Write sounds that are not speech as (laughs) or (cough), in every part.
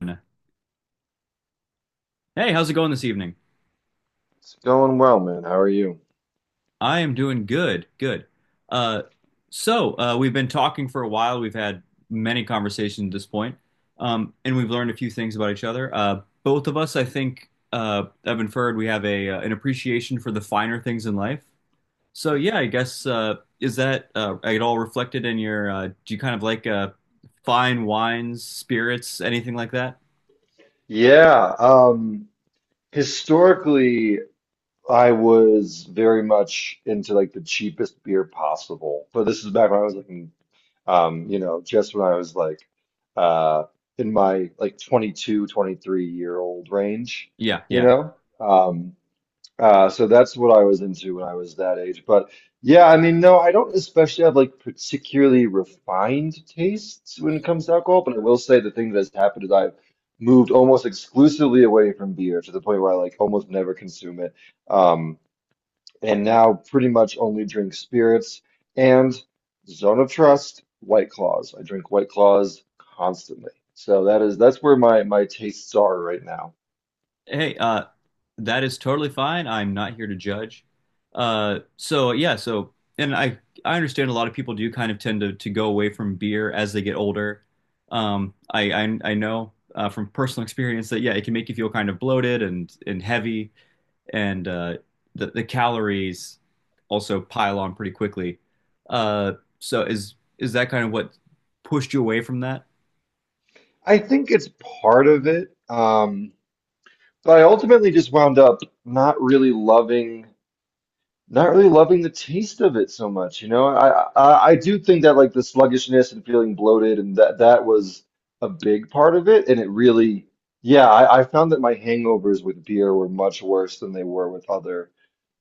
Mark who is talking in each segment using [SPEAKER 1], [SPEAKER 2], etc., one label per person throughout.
[SPEAKER 1] Hey, how's it going this evening?
[SPEAKER 2] It's going well, man. How are you?
[SPEAKER 1] I am doing good, good. Uh, we've been talking for a while. We've had many conversations at this point, and we've learned a few things about each other. Both of us, I think, have inferred we have a an appreciation for the finer things in life. So yeah, I guess is that at all reflected in your? Do you kind of like fine wines, spirits, anything like that?
[SPEAKER 2] Yeah, historically, I was very much into like the cheapest beer possible. But this is back when I was like, in, you know, just when I was like, uh, in my like 22, 23 old range,
[SPEAKER 1] Yeah,
[SPEAKER 2] you
[SPEAKER 1] yeah.
[SPEAKER 2] know? Um, so that's what I was into when I was that age. But yeah, I mean, no, I don't especially have like particularly refined tastes when it comes to alcohol, but I will say the thing that's happened is I've moved almost exclusively away from beer to the point where I like almost never consume it. Um, and now pretty much only drink spirits and Zone of Trust, White Claws. I drink White Claws constantly. So that is that's where my tastes are right now.
[SPEAKER 1] Hey, that is totally fine. I'm not here to judge. So yeah, so and I understand a lot of people do kind of tend to go away from beer as they get older. I know from personal experience that yeah, it can make you feel kind of bloated and heavy, and the calories also pile on pretty quickly. Uh, so is that kind of what pushed you away from that?
[SPEAKER 2] I think it's part of it. So I ultimately just wound up not really loving, not really loving the taste of it so much. You know, I do think that like the sluggishness and feeling bloated and that was a big part of it. And it really, yeah, I found that my hangovers with beer were much worse than they were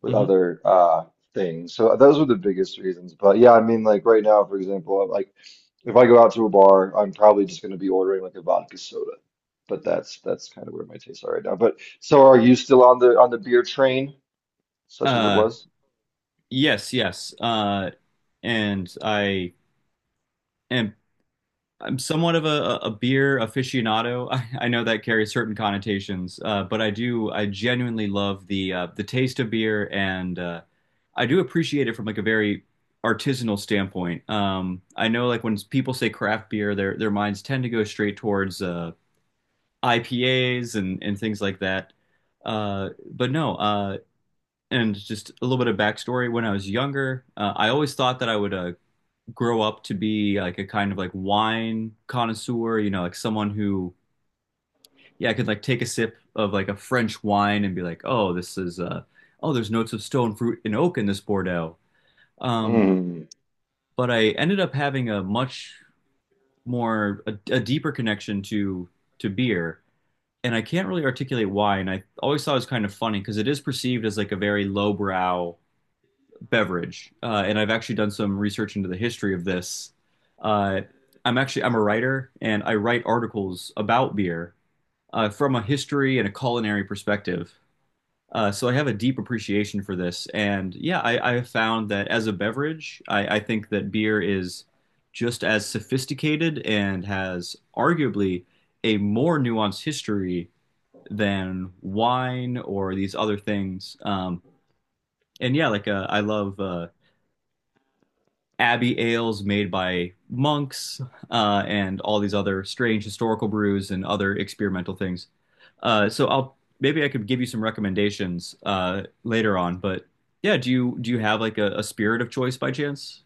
[SPEAKER 2] with
[SPEAKER 1] Hmm.
[SPEAKER 2] other things. So those were the biggest reasons. But yeah, I mean, like right now, for example, I'm like. If I go out to a bar, I'm probably just going to be ordering like a vodka soda. But that's kind of where my tastes are right now. But so are you still on the beer train, such as it
[SPEAKER 1] Uh,
[SPEAKER 2] was?
[SPEAKER 1] yes, yes. And I. am. I'm somewhat of a beer aficionado. (laughs) I know that carries certain connotations, but I do I genuinely love the taste of beer, and I do appreciate it from like a very artisanal standpoint. I know like when people say craft beer, their minds tend to go straight towards IPAs and things like that. But no, And just a little bit of backstory. When I was younger, I always thought that I would grow up to be like a kind of like wine connoisseur, like someone who, yeah, could like take a sip of like a French wine and be like, oh, this is, oh, there's notes of stone fruit and oak in this Bordeaux. Um,
[SPEAKER 2] Mm.
[SPEAKER 1] but I ended up having a much more, a deeper connection to beer. And I can't really articulate why. And I always thought it was kind of funny because it is perceived as like a very lowbrow beverage, and I've actually done some research into the history of this. Uh, I'm a writer, and I write articles about beer from a history and a culinary perspective. So I have a deep appreciation for this, and yeah, I have found that as a beverage, I think that beer is just as sophisticated and has arguably a more nuanced history than wine or these other things. And yeah, like I love abbey ales made by monks and all these other strange historical brews and other experimental things. So I'll Maybe I could give you some recommendations later on. But yeah, do you have like a spirit of choice by chance?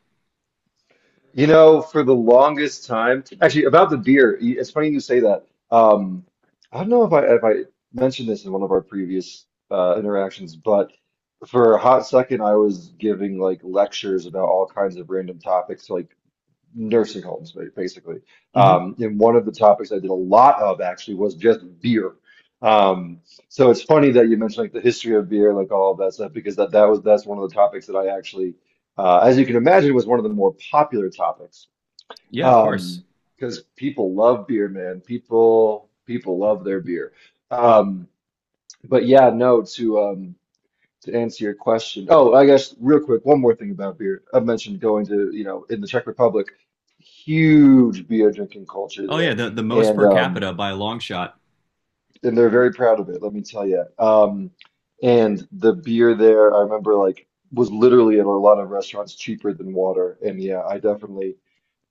[SPEAKER 2] You know, for the longest time, actually about the beer, it's funny you say that. Um, I don't know if I mentioned this in one of our previous interactions, but for a hot second, I was giving like lectures about all kinds of random topics, like nursing homes, basically.
[SPEAKER 1] Hmm.
[SPEAKER 2] And one of the topics I did a lot of actually was just beer. Um, so it's funny that you mentioned like the history of beer, like all of that stuff, because that that was that's one of the topics that I actually, as you can imagine, was one of the more popular topics.
[SPEAKER 1] Yeah, of course.
[SPEAKER 2] Um, because people love beer, man. People love their beer. Um, but yeah, no, to answer your question. Oh, I guess real quick, one more thing about beer. I mentioned going to, you know, in the Czech Republic, huge beer drinking culture
[SPEAKER 1] Oh yeah,
[SPEAKER 2] there,
[SPEAKER 1] the most
[SPEAKER 2] and
[SPEAKER 1] per
[SPEAKER 2] um,
[SPEAKER 1] capita by a long shot.
[SPEAKER 2] and they're very proud of it. Let me tell you. And the beer there, I remember like was literally at a lot of restaurants cheaper than water. And yeah, I definitely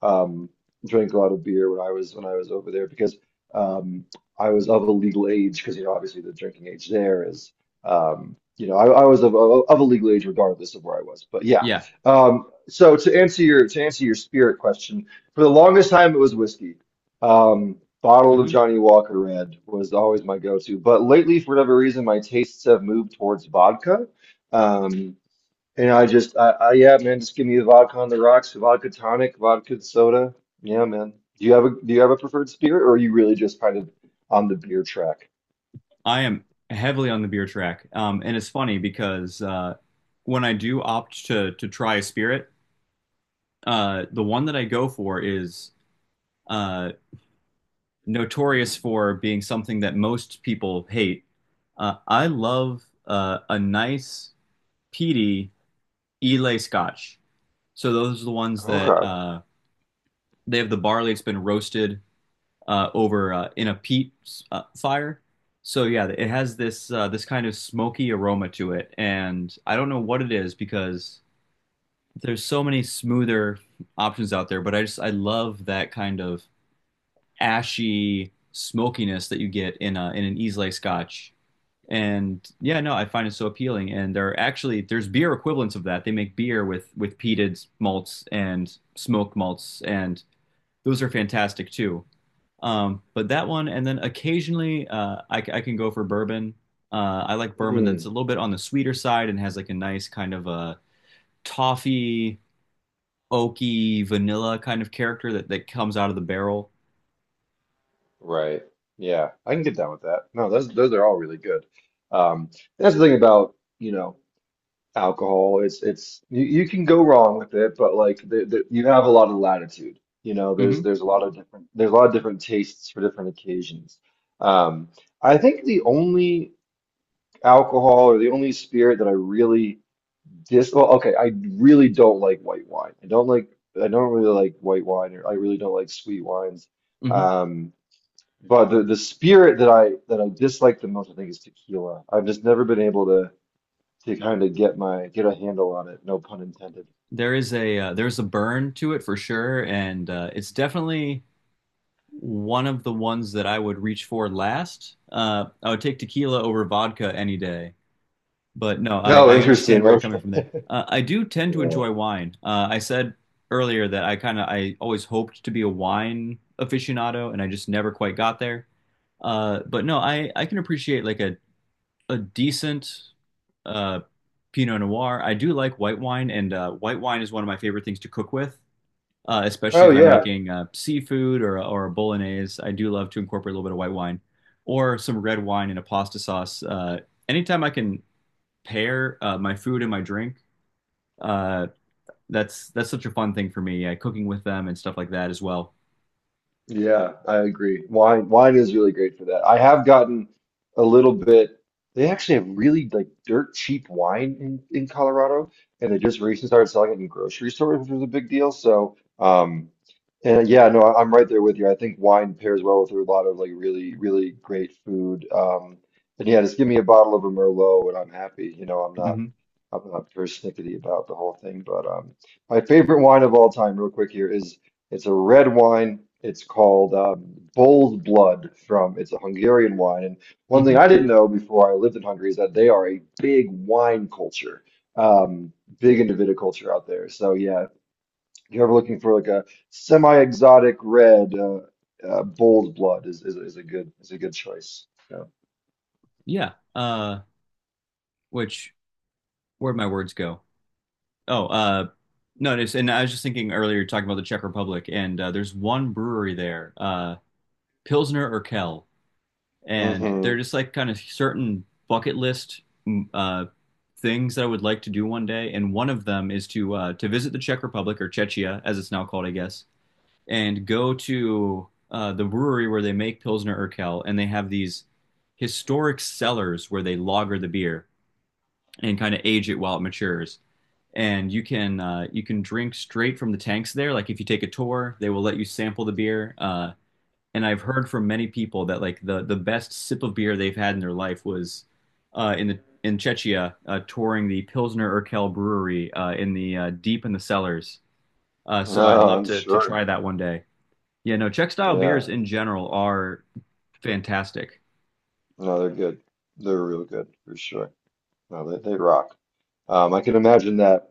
[SPEAKER 2] um, drank a lot of beer when I was over there because um, I was of a legal age because you know obviously the drinking age there is you know I was of a legal age regardless of where I was but yeah
[SPEAKER 1] Yeah.
[SPEAKER 2] so to answer your spirit question for the longest time it was whiskey, um, bottle of
[SPEAKER 1] Hmm.
[SPEAKER 2] Johnny Walker Red was always my go-to but lately for whatever reason my tastes have moved towards vodka. Um, and I just, yeah, man, just give me the vodka on the rocks, vodka tonic, vodka soda. Yeah, man. Do you have a, do you have a preferred spirit, or are you really just kind of on the beer track?
[SPEAKER 1] I am heavily on the beer track, and it's funny because when I do opt to try a spirit, the one that I go for is. uh, Notorious for being something that most people hate. I love a nice peaty Islay Scotch. So those are the ones that
[SPEAKER 2] Okay.
[SPEAKER 1] they have the barley. It's been roasted over in a peat fire. So yeah, it has this this kind of smoky aroma to it, and I don't know what it is because there's so many smoother options out there. But I just I love that kind of ashy smokiness that you get in a in an Islay Scotch. And yeah, no, I find it so appealing, and there are actually there's beer equivalents of that. They make beer with peated malts and smoked malts, and those are fantastic too. But that one, and then occasionally I can go for bourbon. I like bourbon that's a
[SPEAKER 2] Mm,
[SPEAKER 1] little bit on the sweeter side and has like a nice kind of a toffee oaky vanilla kind of character that comes out of the barrel.
[SPEAKER 2] right. Yeah, I can get down with that. No, those are all really good. Um, that's the thing about, you know, alcohol. It's you, you can go wrong with it, but like you have a lot of latitude. You know,
[SPEAKER 1] Mm-hmm.
[SPEAKER 2] there's a lot of different there's a lot of different tastes for different occasions. Um, I think the only alcohol or the only spirit that I really dis. Well, okay, I really don't like white wine. I don't like. I don't really like white wine, or I really don't like sweet wines.
[SPEAKER 1] Mm-hmm.
[SPEAKER 2] Um, but the spirit that I dislike the most, I think, is tequila. I've just never been able to kind of get my get a handle on it. No pun intended.
[SPEAKER 1] There is a there's a burn to it for sure, and uh, it's definitely one of the ones that I would reach for last. I would take tequila over vodka any day. But no,
[SPEAKER 2] No,
[SPEAKER 1] I understand
[SPEAKER 2] interesting.
[SPEAKER 1] where you're coming
[SPEAKER 2] Okay.
[SPEAKER 1] from there. I do tend to
[SPEAKER 2] Yeah.
[SPEAKER 1] enjoy wine. I said earlier that I kind of I always hoped to be a wine aficionado, and I just never quite got there. But no, I can appreciate like a decent uh Pinot Noir. I do like white wine, and white wine is one of my favorite things to cook with especially
[SPEAKER 2] Oh
[SPEAKER 1] if I'm
[SPEAKER 2] yeah.
[SPEAKER 1] making seafood or a bolognese. I do love to incorporate a little bit of white wine or some red wine in a pasta sauce. Anytime I can pair my food and my drink, uh, that's such a fun thing for me. Cooking with them and stuff like that as well.
[SPEAKER 2] Yeah, I agree. Wine is really great for that. I have gotten a little bit they actually have really like dirt cheap wine in Colorado and they just recently started selling it in grocery stores, which was a big deal. And yeah, no, I- I'm right there with you. I think wine pairs well with a lot of like really, really great food. And yeah, just give me a bottle of a Merlot and I'm happy. You know, I'm not
[SPEAKER 1] Hmm.
[SPEAKER 2] I'm not persnickety about the whole thing, but my favorite wine of all time, real quick here, is it's a red wine. It's called Bold Blood from, it's a Hungarian wine. And one thing
[SPEAKER 1] Hmm.
[SPEAKER 2] I didn't know before I lived in Hungary is that they are a big wine culture, um, big into viticulture out there. So yeah, if you're ever looking for like a semi-exotic red, Bold Blood is, is a good is a good choice. Yeah.
[SPEAKER 1] Yeah. Which where'd my words go? Oh, no. It's, And I was just thinking earlier, talking about the Czech Republic, and there's one brewery there, Pilsner Urquell, and they're
[SPEAKER 2] hmm
[SPEAKER 1] just like kind of certain bucket list mm, uh, things that I would like to do one day, and one of them is to visit the Czech Republic or Czechia, as it's now called, I guess, and go to the brewery where they make Pilsner Urquell, and they have these historic cellars where they lager the beer and kind of age it while it matures. And you can drink straight from the tanks there. Like if you take a tour, they will let you sample the beer. And I've heard from many people that like the best sip of beer they've had in their life was in the in Czechia touring the Pilsner Urquell brewery in the deep in the cellars. So I'd
[SPEAKER 2] No,
[SPEAKER 1] love
[SPEAKER 2] I'm
[SPEAKER 1] to
[SPEAKER 2] sure.
[SPEAKER 1] try that one day. Yeah, no, Czech style beers
[SPEAKER 2] Yeah.
[SPEAKER 1] in general are fantastic
[SPEAKER 2] No, they're good. They're real good for sure. No, they rock. I can imagine that.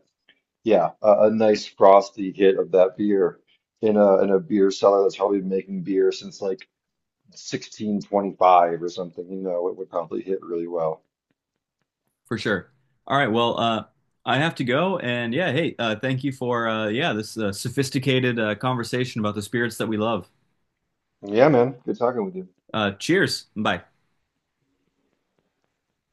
[SPEAKER 2] Yeah, a nice frosty hit of that beer in a beer cellar that's probably been making beer since like 1625 or something. You know, it would probably hit really well.
[SPEAKER 1] for sure. All right, well, I have to go, and yeah, hey, thank you for yeah, this sophisticated conversation about the spirits that we love.
[SPEAKER 2] Yeah, man. Good talking with you.
[SPEAKER 1] Cheers, bye.